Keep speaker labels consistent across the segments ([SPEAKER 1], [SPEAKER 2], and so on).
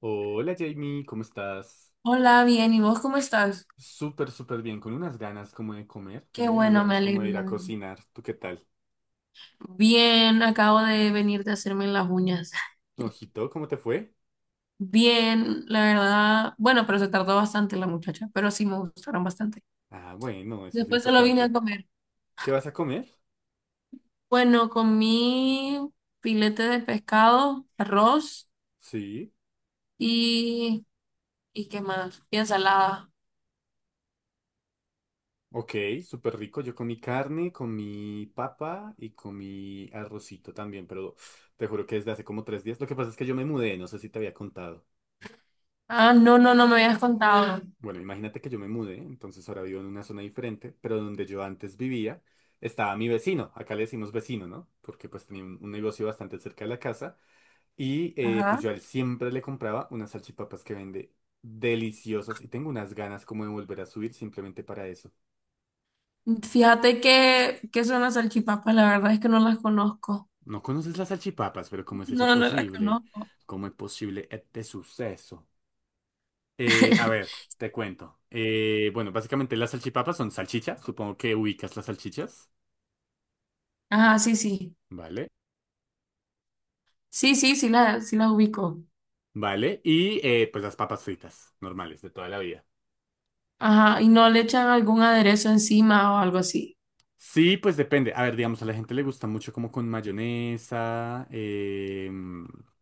[SPEAKER 1] Hola Jamie, ¿cómo estás?
[SPEAKER 2] Hola, bien, ¿y vos cómo estás?
[SPEAKER 1] Súper bien, con unas ganas como de comer,
[SPEAKER 2] Qué
[SPEAKER 1] tengo unas
[SPEAKER 2] bueno, me
[SPEAKER 1] ganas como
[SPEAKER 2] alegro,
[SPEAKER 1] de ir
[SPEAKER 2] la
[SPEAKER 1] a
[SPEAKER 2] verdad.
[SPEAKER 1] cocinar. ¿Tú qué tal?
[SPEAKER 2] Bien, acabo de venir de hacerme las uñas.
[SPEAKER 1] Ojito, ¿cómo te fue?
[SPEAKER 2] Bien, la verdad. Bueno, pero se tardó bastante la muchacha, pero sí me gustaron bastante.
[SPEAKER 1] Ah, bueno, eso es lo
[SPEAKER 2] Después se lo vine a
[SPEAKER 1] importante.
[SPEAKER 2] comer.
[SPEAKER 1] ¿Qué vas a comer?
[SPEAKER 2] Bueno, comí filete de pescado, arroz
[SPEAKER 1] Sí,
[SPEAKER 2] y... ¿Y qué más? Y ensalada.
[SPEAKER 1] ok, súper rico. Yo comí carne, comí papa y comí arrocito también, pero te juro que desde hace como tres días. Lo que pasa es que yo me mudé, no sé si te había contado.
[SPEAKER 2] Ah, no, no, no me habías contado.
[SPEAKER 1] Bueno, imagínate que yo me mudé, entonces ahora vivo en una zona diferente, pero donde yo antes vivía estaba mi vecino, acá le decimos vecino, ¿no? Porque pues tenía un negocio bastante cerca de la casa y pues
[SPEAKER 2] Ajá.
[SPEAKER 1] yo a él siempre le compraba unas salchipapas que vende deliciosas y tengo unas ganas como de volver a subir simplemente para eso.
[SPEAKER 2] Fíjate que son las salchipapas, la verdad es que no las conozco.
[SPEAKER 1] No conoces las salchipapas, pero ¿cómo es eso
[SPEAKER 2] No, no las
[SPEAKER 1] posible?
[SPEAKER 2] conozco.
[SPEAKER 1] ¿Cómo es posible este suceso? A ver, te cuento. Bueno, básicamente las salchipapas son salchichas, supongo que ubicas las salchichas,
[SPEAKER 2] Ajá, sí, sí.
[SPEAKER 1] ¿vale?
[SPEAKER 2] Sí, sí, sí sí la ubico.
[SPEAKER 1] ¿Vale? Y pues las papas fritas, normales, de toda la vida.
[SPEAKER 2] Ajá, ¿y no le echan algún aderezo encima o algo así?
[SPEAKER 1] Sí, pues depende. A ver, digamos, a la gente le gusta mucho como con mayonesa,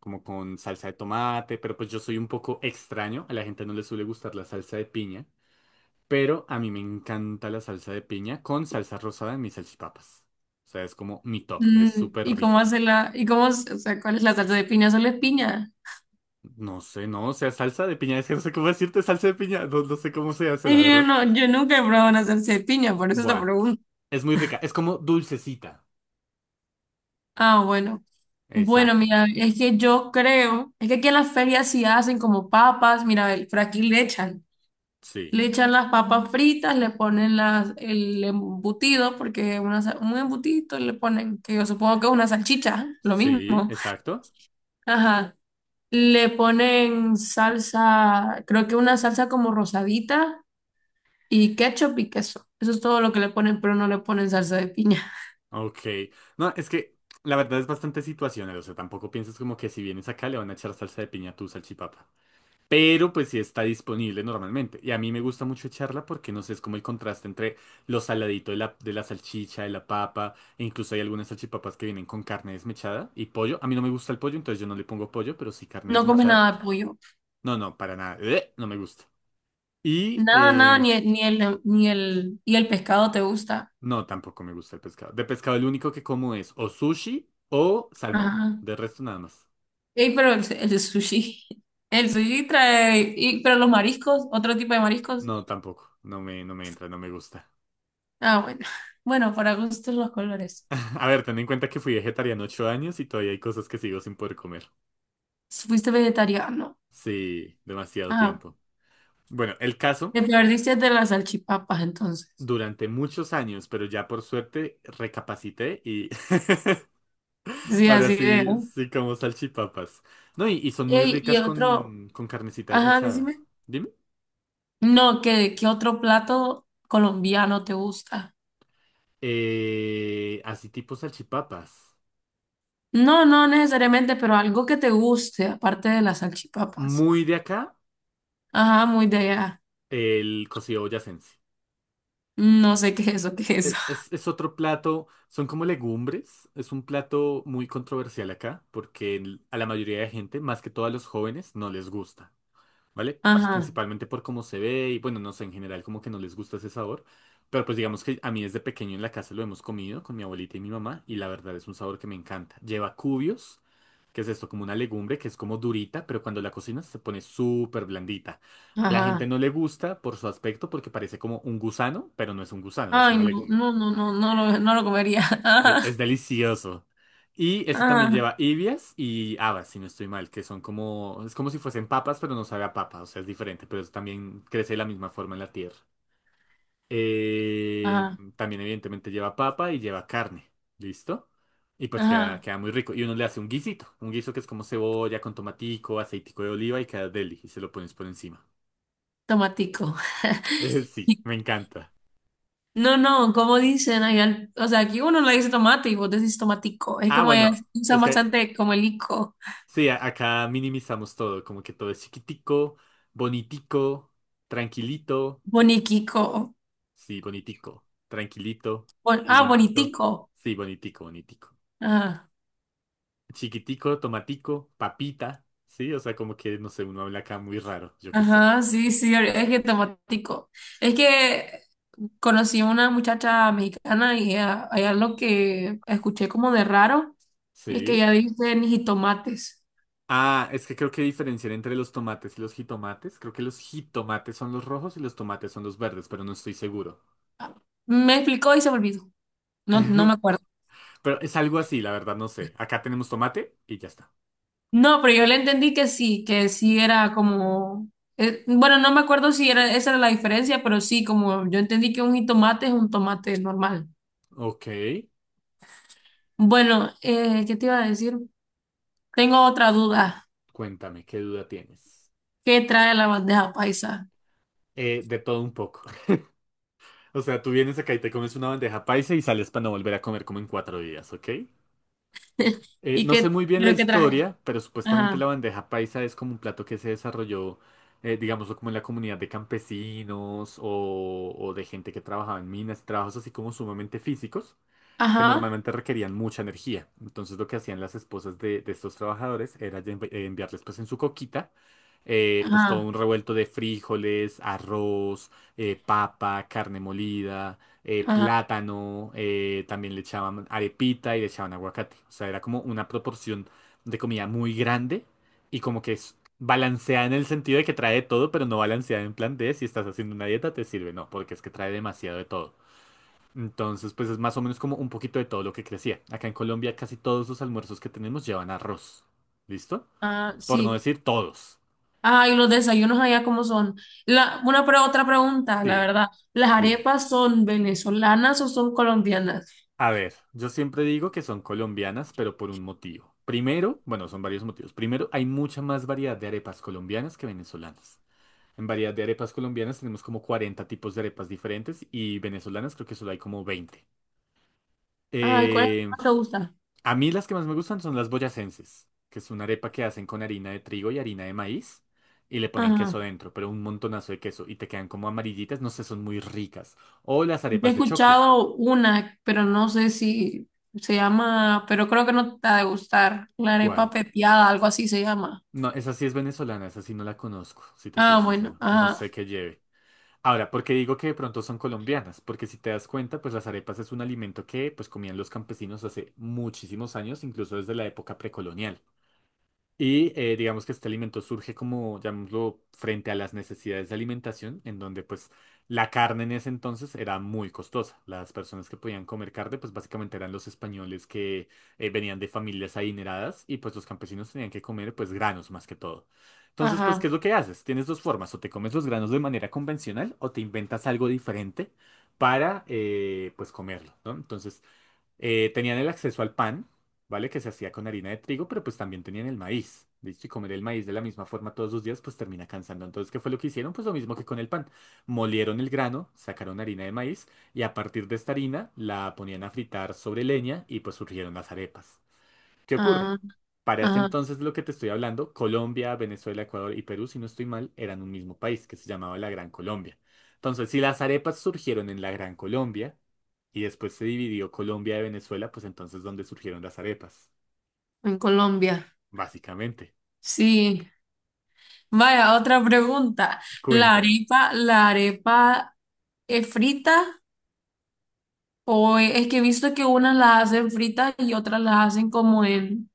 [SPEAKER 1] como con salsa de tomate, pero pues yo soy un poco extraño. A la gente no le suele gustar la salsa de piña, pero a mí me encanta la salsa de piña con salsa rosada en mis salchipapas. O sea, es como mi top, es súper
[SPEAKER 2] ¿Y cómo
[SPEAKER 1] rico.
[SPEAKER 2] hace y cómo, o sea, cuál es la salsa de piña? ¿Solo es piña?
[SPEAKER 1] No sé, no, o sea, salsa de piña, es que no sé cómo decirte salsa de piña, no, no sé cómo se hace, la
[SPEAKER 2] Es que yo
[SPEAKER 1] verdad.
[SPEAKER 2] no, yo nunca he probado una salsa de piña, por eso te
[SPEAKER 1] Buah,
[SPEAKER 2] pregunto.
[SPEAKER 1] es muy rica, es como dulcecita.
[SPEAKER 2] Ah, bueno. Bueno,
[SPEAKER 1] Exacto.
[SPEAKER 2] mira, es que yo creo, es que aquí en las ferias sí hacen como papas, mira, por aquí
[SPEAKER 1] Sí.
[SPEAKER 2] le echan las papas fritas, le ponen las, el embutido, porque una, un embutito le ponen, que yo supongo que es una salchicha, lo
[SPEAKER 1] Sí,
[SPEAKER 2] mismo.
[SPEAKER 1] exacto.
[SPEAKER 2] Ajá. Le ponen salsa, creo que una salsa como rosadita y ketchup y queso. Eso es todo lo que le ponen, pero no le ponen salsa de piña.
[SPEAKER 1] Ok. No, es que la verdad es bastante situacional. O sea, tampoco pienses como que si vienes acá le van a echar salsa de piña a tu salchipapa. Pero pues sí está disponible normalmente. Y a mí me gusta mucho echarla porque no sé, es como el contraste entre lo saladito de la salchicha, de la papa. E incluso hay algunas salchipapas que vienen con carne desmechada y pollo. A mí no me gusta el pollo, entonces yo no le pongo pollo, pero sí carne
[SPEAKER 2] No comes
[SPEAKER 1] desmechada.
[SPEAKER 2] nada de pollo.
[SPEAKER 1] No, no, para nada. No me gusta. Y
[SPEAKER 2] Nada, nada, ni, ni el, y el pescado te gusta.
[SPEAKER 1] no, tampoco me gusta el pescado. De pescado, el único que como es o sushi o salmón.
[SPEAKER 2] Ajá.
[SPEAKER 1] De resto, nada más.
[SPEAKER 2] Ey, pero el sushi. El sushi trae, y, pero los mariscos, otro tipo de mariscos.
[SPEAKER 1] No, tampoco. No me entra, no me gusta.
[SPEAKER 2] Ah, bueno. Bueno, para gustos los colores.
[SPEAKER 1] A ver, ten en cuenta que fui vegetariano 8 años y todavía hay cosas que sigo sin poder comer.
[SPEAKER 2] Fuiste vegetariano.
[SPEAKER 1] Sí, demasiado
[SPEAKER 2] Ah,
[SPEAKER 1] tiempo. Bueno, el caso,
[SPEAKER 2] te perdiste de las salchipapas entonces.
[SPEAKER 1] durante muchos años, pero ya por suerte recapacité y
[SPEAKER 2] Sí,
[SPEAKER 1] ahora
[SPEAKER 2] así de.
[SPEAKER 1] sí, sí como salchipapas. No, y son muy
[SPEAKER 2] Ey, y
[SPEAKER 1] ricas
[SPEAKER 2] otro,
[SPEAKER 1] con carnecita
[SPEAKER 2] ajá,
[SPEAKER 1] desmechada.
[SPEAKER 2] decime.
[SPEAKER 1] Dime.
[SPEAKER 2] No, ¿qué, qué otro plato colombiano te gusta?
[SPEAKER 1] Así tipo salchipapas.
[SPEAKER 2] No, no necesariamente, pero algo que te guste, aparte de las salchipapas.
[SPEAKER 1] Muy de acá,
[SPEAKER 2] Ajá, muy de allá.
[SPEAKER 1] el cocido boyacense.
[SPEAKER 2] No sé qué es eso, qué es eso.
[SPEAKER 1] Es otro plato, son como legumbres, es un plato muy controversial acá, porque el- a la mayoría de gente, más que todo a los jóvenes, no les gusta, ¿vale? Pues
[SPEAKER 2] Ajá,
[SPEAKER 1] principalmente por cómo se ve y bueno, no sé, en general como que no les gusta ese sabor, pero pues digamos que a mí desde pequeño en la casa lo hemos comido con mi abuelita y mi mamá y la verdad es un sabor que me encanta. Lleva cubios. ¿Qué es esto? Como una legumbre que es como durita, pero cuando la cocinas se pone súper blandita. A la gente
[SPEAKER 2] ajá.
[SPEAKER 1] no le gusta por su aspecto porque parece como un gusano, pero no es un gusano, es
[SPEAKER 2] Ay,
[SPEAKER 1] una
[SPEAKER 2] no,
[SPEAKER 1] legumbre.
[SPEAKER 2] no, no, no, no lo comería. Ajá,
[SPEAKER 1] Delicioso. Y eso también
[SPEAKER 2] ajá,
[SPEAKER 1] lleva ibias y habas, si no estoy mal, que son como, es como si fuesen papas, pero no sabe a papa, o sea, es diferente, pero eso también crece de la misma forma en la tierra. Eh,
[SPEAKER 2] ajá,
[SPEAKER 1] También evidentemente lleva papa y lleva carne. ¿Listo? Y pues queda,
[SPEAKER 2] ajá.
[SPEAKER 1] queda muy rico. Y uno le hace un guisito. Un guiso que es como cebolla con tomatico, aceitico de oliva y queda deli. Y se lo pones por encima.
[SPEAKER 2] Tomatico.
[SPEAKER 1] Sí, me encanta.
[SPEAKER 2] No, no, como dicen allá, o sea, aquí uno le dice tomate y vos decís tomatico. Es
[SPEAKER 1] Ah,
[SPEAKER 2] como,
[SPEAKER 1] bueno,
[SPEAKER 2] es,
[SPEAKER 1] es
[SPEAKER 2] usan
[SPEAKER 1] que
[SPEAKER 2] bastante como el ico,
[SPEAKER 1] sí, acá minimizamos todo. Como que todo es chiquitico, bonitico, tranquilito.
[SPEAKER 2] boniquico.
[SPEAKER 1] Sí, bonitico. Tranquilito,
[SPEAKER 2] Ah,
[SPEAKER 1] lindito.
[SPEAKER 2] bonitico.
[SPEAKER 1] Sí, bonitico, bonitico.
[SPEAKER 2] Ajá,
[SPEAKER 1] Chiquitico, tomatico, papita, ¿sí? O sea, como que, no sé, uno habla acá muy raro, yo qué sé,
[SPEAKER 2] ajá, sí, sí, es que tomatico. Es que conocí a una muchacha mexicana y ella, hay algo que escuché como de raro, es que
[SPEAKER 1] ¿sí?
[SPEAKER 2] ella dice ni jitomates.
[SPEAKER 1] Ah, es que creo que diferencian entre los tomates y los jitomates. Creo que los jitomates son los rojos y los tomates son los verdes, pero no estoy seguro.
[SPEAKER 2] Me explicó y se me olvidó. No, no me acuerdo.
[SPEAKER 1] Pero es algo así, la verdad, no sé. Acá tenemos tomate y ya está.
[SPEAKER 2] No, pero yo le entendí que sí era como... Eh, bueno, no me acuerdo si era, esa era la diferencia, pero sí, como yo entendí que un jitomate es un tomate normal.
[SPEAKER 1] Ok,
[SPEAKER 2] Bueno, ¿qué te iba a decir? Tengo otra duda.
[SPEAKER 1] cuéntame, ¿qué duda tienes?
[SPEAKER 2] ¿Qué trae la bandeja paisa?
[SPEAKER 1] De todo un poco. O sea, tú vienes acá y te comes una bandeja paisa y sales para no volver a comer como en cuatro días, ¿ok?
[SPEAKER 2] ¿Y
[SPEAKER 1] No
[SPEAKER 2] qué,
[SPEAKER 1] sé muy bien la
[SPEAKER 2] pero qué trae?
[SPEAKER 1] historia, pero supuestamente
[SPEAKER 2] Ajá,
[SPEAKER 1] la bandeja paisa es como un plato que se desarrolló, digámoslo, como en la comunidad de campesinos o de gente que trabajaba en minas, trabajos así como sumamente físicos que
[SPEAKER 2] ajá,
[SPEAKER 1] normalmente requerían mucha energía. Entonces lo que hacían las esposas de estos trabajadores era ya enviarles pues en su coquita pues todo
[SPEAKER 2] ajá,
[SPEAKER 1] un revuelto de frijoles, arroz, papa, carne molida,
[SPEAKER 2] ajá,
[SPEAKER 1] plátano, también le echaban arepita y le echaban aguacate. O sea, era como una proporción de comida muy grande y como que es balanceada en el sentido de que trae de todo, pero no balanceada en plan de si estás haciendo una dieta te sirve, no, porque es que trae demasiado de todo. Entonces, pues es más o menos como un poquito de todo lo que crecía. Acá en Colombia casi todos los almuerzos que tenemos llevan arroz. ¿Listo?
[SPEAKER 2] ajá,
[SPEAKER 1] Por no
[SPEAKER 2] sí.
[SPEAKER 1] decir todos.
[SPEAKER 2] Ajá, y los desayunos allá cómo son. Una otra pregunta, la
[SPEAKER 1] Sí,
[SPEAKER 2] verdad. ¿Las
[SPEAKER 1] dime.
[SPEAKER 2] arepas son venezolanas o son colombianas?
[SPEAKER 1] A ver, yo siempre digo que son colombianas, pero por un motivo. Primero, bueno, son varios motivos. Primero, hay mucha más variedad de arepas colombianas que venezolanas. En variedad de arepas colombianas tenemos como 40 tipos de arepas diferentes y venezolanas creo que solo hay como 20.
[SPEAKER 2] Ay, ¿cuál es la que
[SPEAKER 1] Eh,
[SPEAKER 2] más te gusta?
[SPEAKER 1] A mí las que más me gustan son las boyacenses, que es una arepa que hacen con harina de trigo y harina de maíz y le ponen queso
[SPEAKER 2] Ajá.
[SPEAKER 1] dentro, pero un montonazo de queso y te quedan como amarillitas, no sé, son muy ricas. O las
[SPEAKER 2] Yo he
[SPEAKER 1] arepas de choclo.
[SPEAKER 2] escuchado una, pero no sé si se llama, pero creo que no te ha de gustar. La arepa
[SPEAKER 1] ¿Cuál?
[SPEAKER 2] pepiada, algo así se llama.
[SPEAKER 1] No, esa sí es venezolana, esa sí no la conozco, si te soy
[SPEAKER 2] Ah, bueno,
[SPEAKER 1] sincero. No
[SPEAKER 2] ajá,
[SPEAKER 1] sé qué lleve. Ahora, ¿por qué digo que de pronto son colombianas? Porque si te das cuenta, pues las arepas es un alimento que pues comían los campesinos hace muchísimos años, incluso desde la época precolonial. Y digamos que este alimento surge como, llamémoslo, frente a las necesidades de alimentación, en donde pues la carne en ese entonces era muy costosa. Las personas que podían comer carne pues básicamente eran los españoles que venían de familias adineradas y pues los campesinos tenían que comer pues granos más que todo. Entonces pues, ¿qué
[SPEAKER 2] ajá,
[SPEAKER 1] es lo que haces? Tienes dos formas, o te comes los granos de manera convencional o te inventas algo diferente para pues comerlo, ¿no? Entonces... Tenían el acceso al pan, ¿vale? Que se hacía con harina de trigo, pero pues también tenían el maíz, ¿listo? Y comer el maíz de la misma forma todos los días, pues termina cansando. Entonces, ¿qué fue lo que hicieron? Pues lo mismo que con el pan. Molieron el grano, sacaron harina de maíz y a partir de esta harina la ponían a fritar sobre leña y pues surgieron las arepas. ¿Qué ocurre?
[SPEAKER 2] ajá,
[SPEAKER 1] Para este
[SPEAKER 2] ajá,
[SPEAKER 1] entonces lo que te estoy hablando, Colombia, Venezuela, Ecuador y Perú, si no estoy mal, eran un mismo país que se llamaba la Gran Colombia. Entonces, si las arepas surgieron en la Gran Colombia y después se dividió Colombia de Venezuela, pues entonces ¿dónde surgieron las arepas?
[SPEAKER 2] en Colombia.
[SPEAKER 1] Básicamente.
[SPEAKER 2] Sí, vaya, otra pregunta.
[SPEAKER 1] Cuéntame.
[SPEAKER 2] La arepa es frita o es que he visto que unas las hacen fritas y otras las hacen como en,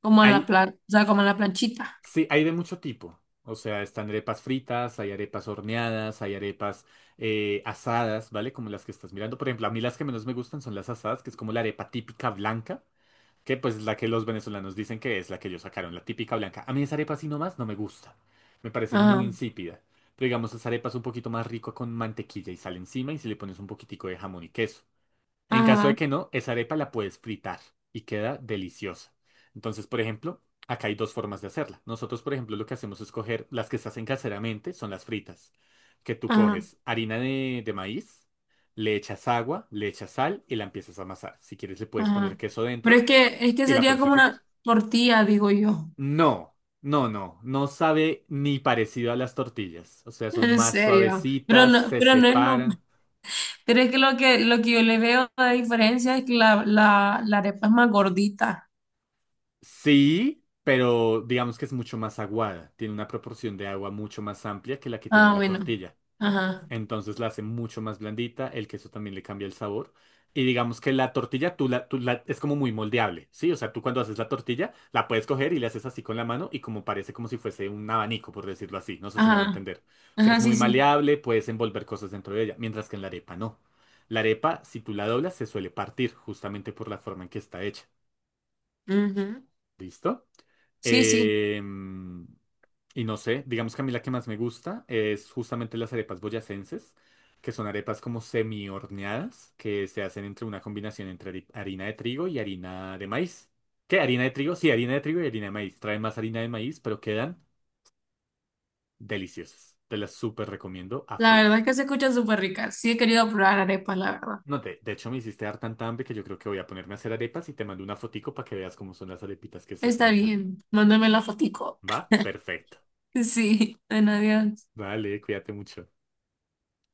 [SPEAKER 2] como en la
[SPEAKER 1] Hay,
[SPEAKER 2] plan, o sea, como en la planchita?
[SPEAKER 1] sí, hay de mucho tipo. O sea, están arepas fritas, hay arepas horneadas, hay arepas asadas, ¿vale? Como las que estás mirando. Por ejemplo, a mí las que menos me gustan son las asadas, que es como la arepa típica blanca. Que pues la que los venezolanos dicen que es la que ellos sacaron, la típica blanca. A mí esa arepa así nomás no me gusta. Me parece muy
[SPEAKER 2] Ajá,
[SPEAKER 1] insípida. Pero digamos, esa arepa es un poquito más rico con mantequilla y sal encima y si le pones un poquitico de jamón y queso. En caso de
[SPEAKER 2] ajá,
[SPEAKER 1] que no, esa arepa la puedes fritar y queda deliciosa. Entonces, por ejemplo, acá hay dos formas de hacerla. Nosotros, por ejemplo, lo que hacemos es coger las que se hacen caseramente, son las fritas. Que tú
[SPEAKER 2] ajá,
[SPEAKER 1] coges harina de maíz, le echas agua, le echas sal y la empiezas a amasar. Si quieres, le puedes poner
[SPEAKER 2] ajá.
[SPEAKER 1] queso
[SPEAKER 2] Pero
[SPEAKER 1] dentro.
[SPEAKER 2] es que
[SPEAKER 1] ¿Y la
[SPEAKER 2] sería
[SPEAKER 1] pones a
[SPEAKER 2] como
[SPEAKER 1] fritar?
[SPEAKER 2] una tortilla, digo yo.
[SPEAKER 1] No, no, no, no sabe ni parecido a las tortillas. O sea, son
[SPEAKER 2] En
[SPEAKER 1] más
[SPEAKER 2] serio,
[SPEAKER 1] suavecitas, se
[SPEAKER 2] pero no es lo,
[SPEAKER 1] separan.
[SPEAKER 2] pero es que lo que yo le veo la diferencia es que la arepa es más gordita.
[SPEAKER 1] Sí, pero digamos que es mucho más aguada. Tiene una proporción de agua mucho más amplia que la que tiene
[SPEAKER 2] Ah,
[SPEAKER 1] la
[SPEAKER 2] bueno.
[SPEAKER 1] tortilla.
[SPEAKER 2] Ajá,
[SPEAKER 1] Entonces la hace mucho más blandita, el queso también le cambia el sabor. Y digamos que la tortilla tú es como muy moldeable, ¿sí? O sea, tú cuando haces la tortilla la puedes coger y le haces así con la mano y como parece como si fuese un abanico, por decirlo así. No sé si me hago
[SPEAKER 2] ajá,
[SPEAKER 1] entender. O sea,
[SPEAKER 2] ajá,
[SPEAKER 1] es
[SPEAKER 2] sí,
[SPEAKER 1] muy
[SPEAKER 2] sí.
[SPEAKER 1] maleable, puedes envolver cosas dentro de ella, mientras que en la arepa no. La arepa, si tú la doblas, se suele partir justamente por la forma en que está hecha.
[SPEAKER 2] Ujú.
[SPEAKER 1] ¿Listo?
[SPEAKER 2] Sí, sí,
[SPEAKER 1] Eh, y no sé, digamos que a mí la que más me gusta es justamente las arepas boyacenses, que son arepas como semi horneadas, que se hacen entre una combinación entre harina de trigo y harina de maíz. ¿Qué? ¿Harina de trigo? Sí, harina de trigo y harina de maíz. Traen más harina de maíz, pero quedan deliciosas. Te las súper recomiendo a
[SPEAKER 2] la
[SPEAKER 1] full.
[SPEAKER 2] verdad es que se escuchan súper ricas. Sí, he querido probar arepas, la verdad.
[SPEAKER 1] No, de hecho me hiciste dar tanta hambre que yo creo que voy a ponerme a hacer arepas y te mando una fotico para que veas cómo son las arepitas que se hacen
[SPEAKER 2] Está
[SPEAKER 1] acá.
[SPEAKER 2] bien, mándame la fotico.
[SPEAKER 1] ¿Va? Perfecto.
[SPEAKER 2] Sí, bueno, adiós.
[SPEAKER 1] Vale, cuídate mucho.